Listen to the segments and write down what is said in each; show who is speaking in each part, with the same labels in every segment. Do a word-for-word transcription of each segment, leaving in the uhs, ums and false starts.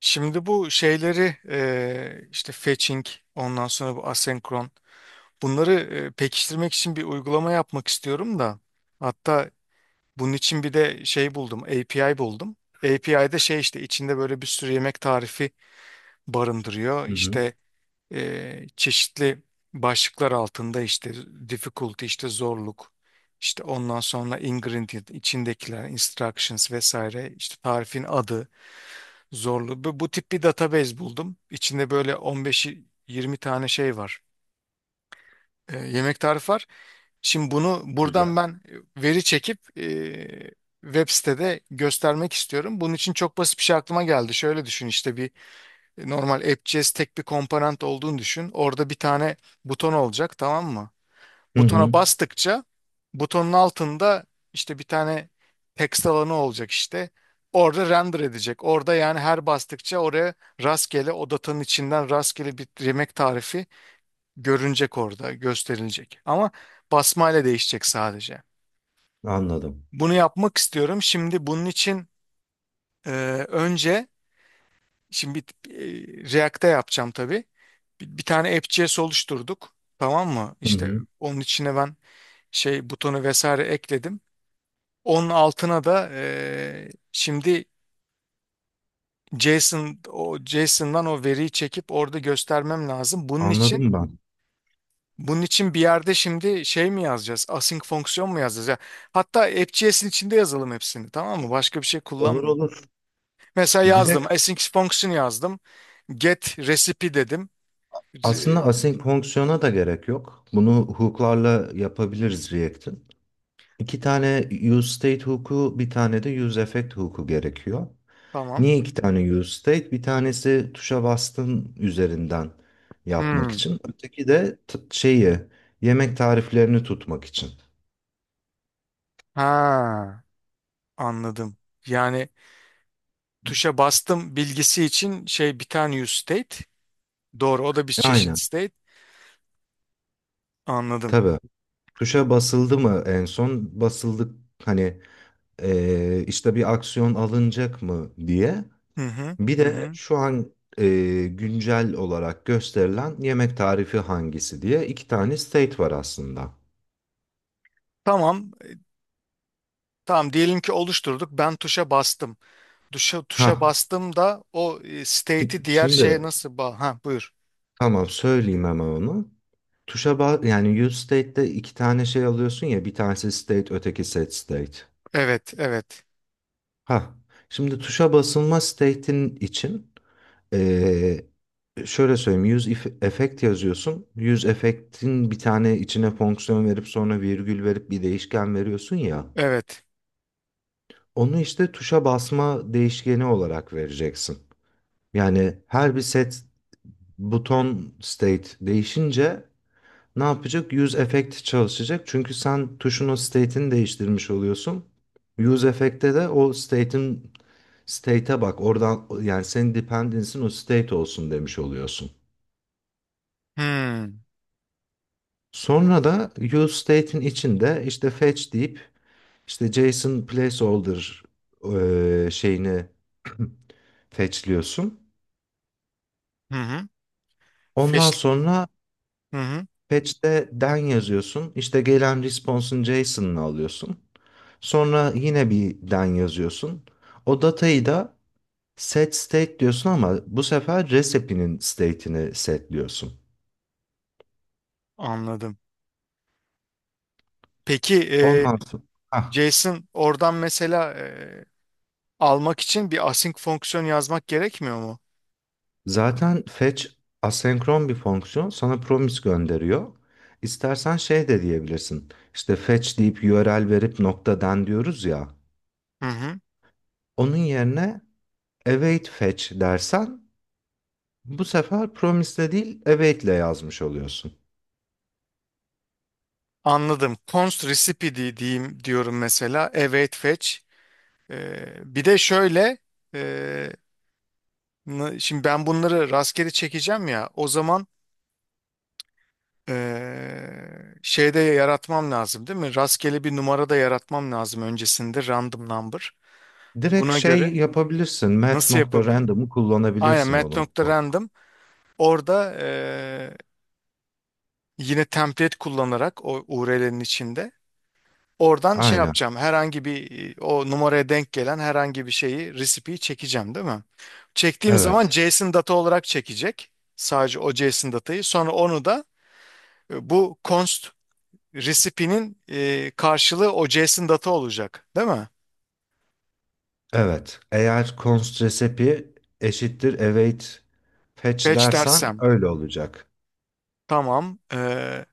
Speaker 1: Şimdi bu şeyleri eee, işte fetching ondan sonra bu asenkron bunları eee, pekiştirmek için bir uygulama yapmak istiyorum da hatta bunun için bir de şey buldum A P I buldum. A P I'de şey işte içinde böyle bir sürü yemek tarifi barındırıyor.
Speaker 2: Hı hı.
Speaker 1: İşte eee, çeşitli başlıklar altında işte difficulty işte zorluk işte ondan sonra ingredient içindekiler instructions vesaire işte tarifin adı Zorlu. Bu, bu tip bir database buldum. İçinde böyle on beş ile yirmi tane şey var. E, yemek tarifi var. Şimdi bunu
Speaker 2: Güzel.
Speaker 1: buradan ben e, veri çekip e, web sitede göstermek istiyorum. Bunun için çok basit bir şey aklıma geldi. Şöyle düşün, işte bir e, normal App.js tek bir komponent olduğunu düşün. Orada bir tane buton olacak, tamam mı?
Speaker 2: Hı
Speaker 1: Butona
Speaker 2: hı.
Speaker 1: bastıkça butonun altında işte bir tane text alanı olacak işte. Orada render edecek. Orada yani her bastıkça oraya rastgele o datanın içinden rastgele bir yemek tarifi görünecek orada, gösterilecek. Ama basmayla değişecek sadece.
Speaker 2: Anladım.
Speaker 1: Bunu yapmak istiyorum. Şimdi bunun için e, önce şimdi bir- e, React'te yapacağım tabii. Bir, bir tane app.js oluşturduk. Tamam mı?
Speaker 2: Hı
Speaker 1: İşte
Speaker 2: hı.
Speaker 1: onun içine ben şey butonu vesaire ekledim. Onun altına da eee, şimdi JSON o JSON'dan o veriyi çekip orada göstermem lazım. Bunun için
Speaker 2: Anladım ben.
Speaker 1: bunun için bir yerde şimdi şey mi yazacağız? Async fonksiyon mu yazacağız? Ya, hatta AppJS'in içinde yazalım hepsini, tamam mı? Başka bir şey
Speaker 2: Olur
Speaker 1: kullanmıyorum.
Speaker 2: olur.
Speaker 1: Mesela yazdım.
Speaker 2: Direkt
Speaker 1: Async fonksiyon yazdım. Get recipe dedim.
Speaker 2: aslında
Speaker 1: Re-
Speaker 2: asenkronksiyona da gerek yok. Bunu hook'larla yapabiliriz React'in. İki tane use state hook'u, bir tane de use effect hook'u gerekiyor.
Speaker 1: Tamam.
Speaker 2: Niye iki tane use state? Bir tanesi tuşa bastın üzerinden yapmak
Speaker 1: Hmm.
Speaker 2: için. Öteki de t- şeyi, yemek tariflerini tutmak için.
Speaker 1: Ha, anladım. Yani tuşa bastım bilgisi için şey bir tane use state. Doğru, o da bir çeşit
Speaker 2: Aynen.
Speaker 1: state. Anladım.
Speaker 2: Tabii. Tuşa basıldı mı en son? Basıldık. Hani, Eee, işte bir aksiyon alınacak mı diye.
Speaker 1: Hı hı,
Speaker 2: Bir
Speaker 1: hı
Speaker 2: de
Speaker 1: hı.
Speaker 2: şu an eee, güncel olarak gösterilen yemek tarifi hangisi diye iki tane state var aslında.
Speaker 1: Tamam, tamam, diyelim ki oluşturduk. Ben tuşa bastım. Tuşa tuşa
Speaker 2: Ha,
Speaker 1: bastım da o e, state'i diğer şeye
Speaker 2: şimdi
Speaker 1: nasıl ba ha, buyur.
Speaker 2: tamam söyleyeyim hemen onu. Tuşa ba- yani use state'de iki tane şey alıyorsun ya, bir tanesi state öteki set state.
Speaker 1: Evet, evet.
Speaker 2: Ha, şimdi tuşa basılma state'in için Ee, şöyle söyleyeyim. Use if- effect yazıyorsun. Use effect'in bir tane içine fonksiyon verip sonra virgül verip bir değişken veriyorsun ya.
Speaker 1: Evet.
Speaker 2: Onu işte tuşa basma değişkeni olarak vereceksin. Yani her bir set buton state değişince ne yapacak? Use effect çalışacak. Çünkü sen tuşun o state'ini değiştirmiş oluyorsun. Use effect'te de o state'in state'e bak. Oradan yani senin dependency'in o state olsun demiş oluyorsun.
Speaker 1: Hmm.
Speaker 2: Sonra da useState'in içinde işte fetch deyip işte JSON placeholder eee, şeyini fetchliyorsun.
Speaker 1: Hı hı.
Speaker 2: Ondan
Speaker 1: Feş
Speaker 2: sonra
Speaker 1: hı hı.
Speaker 2: fetch'te den yazıyorsun. İşte gelen response'un JSON'ını alıyorsun. Sonra yine bir den yazıyorsun. O datayı da set state diyorsun ama bu sefer recipe'nin state'ini setliyorsun.
Speaker 1: Anladım. Peki e,
Speaker 2: Ondan sonra
Speaker 1: JSON oradan mesela e, almak için bir async fonksiyon yazmak gerekmiyor mu?
Speaker 2: zaten fetch asenkron bir fonksiyon, sana promise gönderiyor. İstersen şey de diyebilirsin. İşte fetch deyip u r l verip nokta den diyoruz ya.
Speaker 1: Hı hı.
Speaker 2: Onun yerine await fetch dersen bu sefer promise'le değil await'le yazmış oluyorsun.
Speaker 1: Anladım. Const recipe di- diyeyim diyorum mesela. Await fetch. E, bir de şöyle e, N- şimdi ben bunları rastgele çekeceğim ya, o zaman eee, şeyde yaratmam lazım değil mi? Rastgele bir numara da yaratmam lazım öncesinde, random number.
Speaker 2: Direkt
Speaker 1: Buna
Speaker 2: şey
Speaker 1: göre
Speaker 2: yapabilirsin.
Speaker 1: nasıl yapabilirim?
Speaker 2: Mat.random'u
Speaker 1: Aynen,
Speaker 2: kullanabilirsin oğlum.
Speaker 1: mat.random orada eee, yine template kullanarak o U R L'nin içinde oradan şey
Speaker 2: Aynen.
Speaker 1: yapacağım, herhangi bir e, o numaraya denk gelen herhangi bir şeyi, recipe'yi çekeceğim değil mi? Çektiğim zaman
Speaker 2: Evet.
Speaker 1: JSON data olarak çekecek. Sadece o JSON datayı. Sonra onu da E, bu const recipe'nin e, karşılığı o JSON data olacak, değil mi?
Speaker 2: Evet. Eğer const recipe eşittir await fetch
Speaker 1: Fetch
Speaker 2: dersen
Speaker 1: dersem.
Speaker 2: öyle olacak.
Speaker 1: Tamam. E,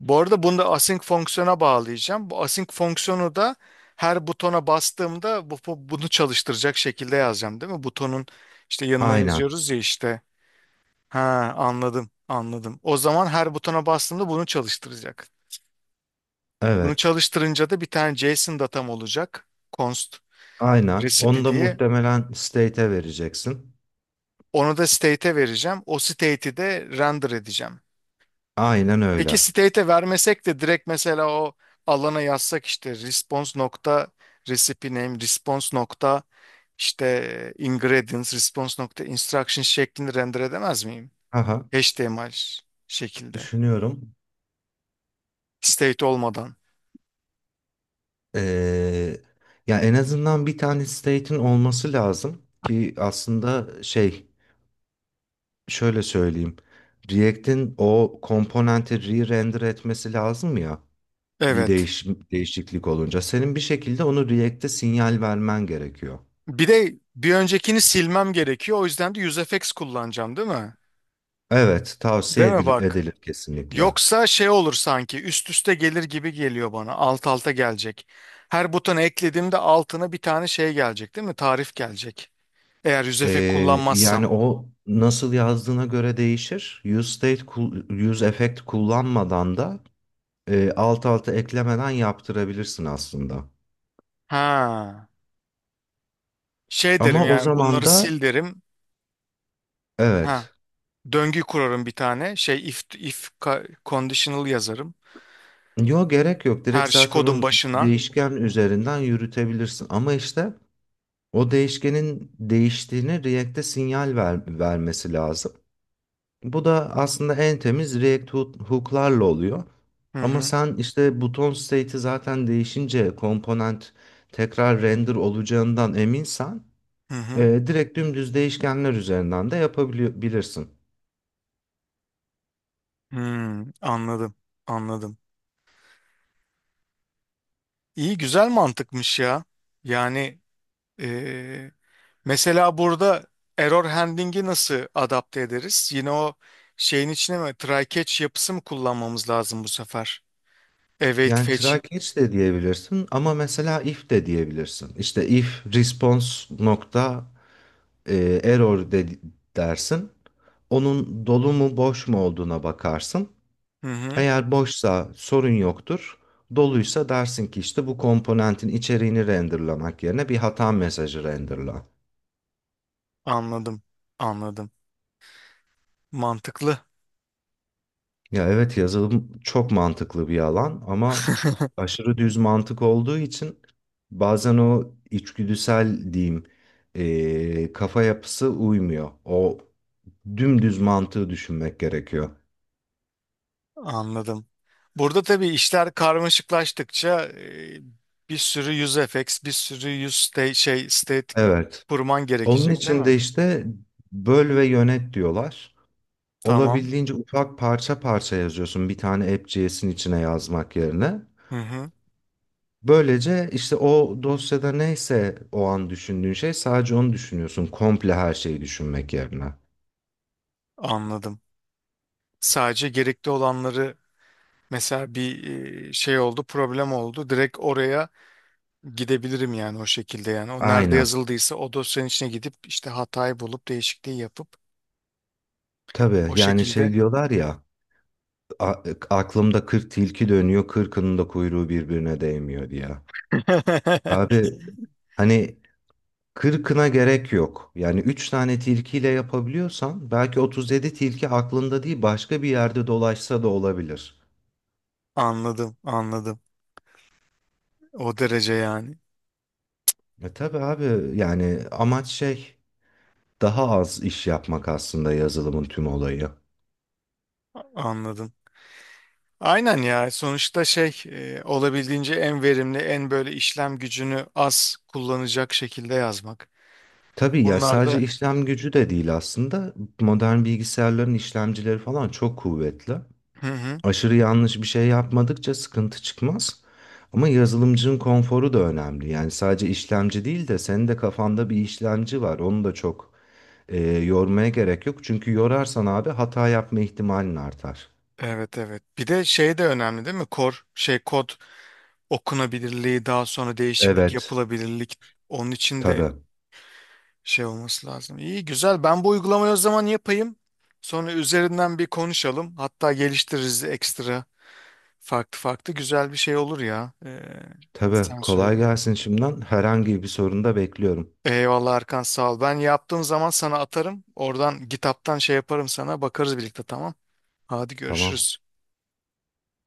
Speaker 1: Bu arada bunu da async fonksiyona bağlayacağım. Bu async fonksiyonu da her butona bastığımda bu, bu- bunu çalıştıracak şekilde yazacağım, değil mi? Butonun işte yanına
Speaker 2: Aynen.
Speaker 1: yazıyoruz ya işte. Ha, anladım, anladım. O zaman her butona bastığımda bunu çalıştıracak. Bunu
Speaker 2: Evet.
Speaker 1: çalıştırınca da bir tane JSON datam olacak. Const
Speaker 2: Aynen. Onu
Speaker 1: recipe
Speaker 2: da
Speaker 1: diye.
Speaker 2: muhtemelen state'e vereceksin.
Speaker 1: Onu da state'e vereceğim. O state'i de render edeceğim.
Speaker 2: Aynen
Speaker 1: Peki
Speaker 2: öyle.
Speaker 1: state'e vermesek de direkt mesela o alana yazsak işte response nokta recipe name, response nokta işte ingredients, response nokta instruction şeklinde render edemez miyim?
Speaker 2: Haha.
Speaker 1: H T M L şekilde.
Speaker 2: Düşünüyorum.
Speaker 1: State olmadan.
Speaker 2: Ee, ya en azından bir tane state'in olması lazım ki aslında şey, şöyle söyleyeyim. React'in o komponenti re-render etmesi lazım ya bir
Speaker 1: Evet.
Speaker 2: değiş değişiklik olunca. Senin bir şekilde onu React'e sinyal vermen gerekiyor.
Speaker 1: Bir de bir öncekini silmem gerekiyor. O yüzden de UseEffects kullanacağım değil mi?
Speaker 2: Evet,
Speaker 1: Değil
Speaker 2: tavsiye
Speaker 1: mi
Speaker 2: edil-
Speaker 1: bak?
Speaker 2: edilir kesinlikle.
Speaker 1: Yoksa şey olur, sanki üst üste gelir gibi geliyor bana. Alt alta gelecek. Her butona eklediğimde altına bir tane şey gelecek değil mi? Tarif gelecek. Eğer
Speaker 2: Ee,
Speaker 1: yüzefe
Speaker 2: yani
Speaker 1: kullanmazsam.
Speaker 2: o nasıl yazdığına göre değişir. Use state, kul- use effect kullanmadan da e, alt alta eklemeden yaptırabilirsin aslında.
Speaker 1: Ha. Şey derim,
Speaker 2: Ama o
Speaker 1: yani
Speaker 2: zaman
Speaker 1: bunları
Speaker 2: da
Speaker 1: sil derim. Ha.
Speaker 2: evet.
Speaker 1: Döngü kurarım bir tane. Şey, if if ka- conditional yazarım.
Speaker 2: Yo, gerek yok.
Speaker 1: Her
Speaker 2: Direkt
Speaker 1: şey
Speaker 2: zaten
Speaker 1: kodun
Speaker 2: o
Speaker 1: başına.
Speaker 2: değişken üzerinden yürütebilirsin. Ama işte o değişkenin değiştiğini React'e sinyal ver- vermesi lazım. Bu da aslında en temiz React hook- hook'larla oluyor.
Speaker 1: Hı
Speaker 2: Ama
Speaker 1: hı.
Speaker 2: sen işte buton state'i zaten değişince komponent tekrar render olacağından eminsen
Speaker 1: Hı
Speaker 2: e,
Speaker 1: hı.
Speaker 2: direkt dümdüz değişkenler üzerinden de yapabilirsin.
Speaker 1: Hmm, anladım. Anladım. İyi, güzel mantıkmış ya. Yani eee, mesela burada error handling'i nasıl adapte ederiz? Yine o şeyin içine mi, try catch yapısı mı kullanmamız lazım bu sefer? Await
Speaker 2: Yani
Speaker 1: fetch.
Speaker 2: try catch de diyebilirsin ama mesela if de diyebilirsin. İşte if response nokta e, error de dersin. Onun dolu mu boş mu olduğuna bakarsın.
Speaker 1: Hı hı.
Speaker 2: Eğer boşsa sorun yoktur. Doluysa dersin ki işte bu komponentin içeriğini renderlamak yerine bir hata mesajı renderla.
Speaker 1: Anladım. Anladım. Mantıklı.
Speaker 2: Ya evet, yazılım çok mantıklı bir alan ama aşırı düz mantık olduğu için bazen o içgüdüsel diyeyim eee, kafa yapısı uymuyor. O dümdüz mantığı düşünmek gerekiyor.
Speaker 1: Anladım. Burada tabii işler karmaşıklaştıkça e, bir sürü use effects, bir sürü use state, şey state
Speaker 2: Evet.
Speaker 1: kurman
Speaker 2: Onun
Speaker 1: gerekecek değil
Speaker 2: için de
Speaker 1: mi?
Speaker 2: işte böl ve yönet diyorlar.
Speaker 1: Tamam.
Speaker 2: Olabildiğince ufak parça parça yazıyorsun bir tane app.js'in içine yazmak yerine.
Speaker 1: Hı hı.
Speaker 2: Böylece işte o dosyada neyse o an düşündüğün şey sadece onu düşünüyorsun. Komple her şeyi düşünmek yerine.
Speaker 1: Anladım. Sadece gerekli olanları, mesela bir e, şey oldu, problem oldu. Direkt oraya gidebilirim yani, o şekilde yani. O nerede
Speaker 2: Aynen.
Speaker 1: yazıldıysa o dosyanın içine gidip işte hatayı bulup değişikliği yapıp
Speaker 2: Tabii
Speaker 1: o
Speaker 2: yani şey
Speaker 1: şekilde.
Speaker 2: diyorlar ya, a- aklımda kırk tilki dönüyor, kırkının da kuyruğu birbirine değmiyor diye. Abi hani kırkına gerek yok. Yani üç tane tilkiyle yapabiliyorsan belki otuz yedi tilki aklında değil başka bir yerde dolaşsa da olabilir.
Speaker 1: Anladım, anladım. O derece yani.
Speaker 2: E tabii abi, yani amaç şey, daha az iş yapmak aslında yazılımın tüm olayı.
Speaker 1: Anladım. Aynen ya, sonuçta şey, e, olabildiğince en verimli, en böyle işlem gücünü az kullanacak şekilde yazmak.
Speaker 2: Tabii ya,
Speaker 1: Bunlar
Speaker 2: sadece
Speaker 1: da
Speaker 2: işlem gücü de değil aslında. Modern bilgisayarların işlemcileri falan çok kuvvetli.
Speaker 1: hı hı.
Speaker 2: Aşırı yanlış bir şey yapmadıkça sıkıntı çıkmaz. Ama yazılımcının konforu da önemli. Yani sadece işlemci değil de, senin de kafanda bir işlemci var. Onu da çok e, yormaya gerek yok. Çünkü yorarsan abi hata yapma ihtimalin artar.
Speaker 1: Evet, evet. Bir de şey de önemli değil mi? Kor şey kod okunabilirliği, daha sonra değişiklik
Speaker 2: Evet,
Speaker 1: yapılabilirlik, onun için de
Speaker 2: tabii.
Speaker 1: şey olması lazım. İyi, güzel. Ben bu uygulamayı o zaman yapayım. Sonra üzerinden bir konuşalım. Hatta geliştiririz ekstra, farklı farklı. Güzel bir şey olur ya. Ee,
Speaker 2: Tabii
Speaker 1: sen
Speaker 2: kolay
Speaker 1: söyle.
Speaker 2: gelsin şimdiden. Herhangi bir sorun da bekliyorum.
Speaker 1: Eyvallah Erkan, sağ ol. Ben yaptığım zaman sana atarım. Oradan kitaptan şey yaparım sana. Bakarız birlikte, tamam. Hadi
Speaker 2: Tamam.
Speaker 1: görüşürüz.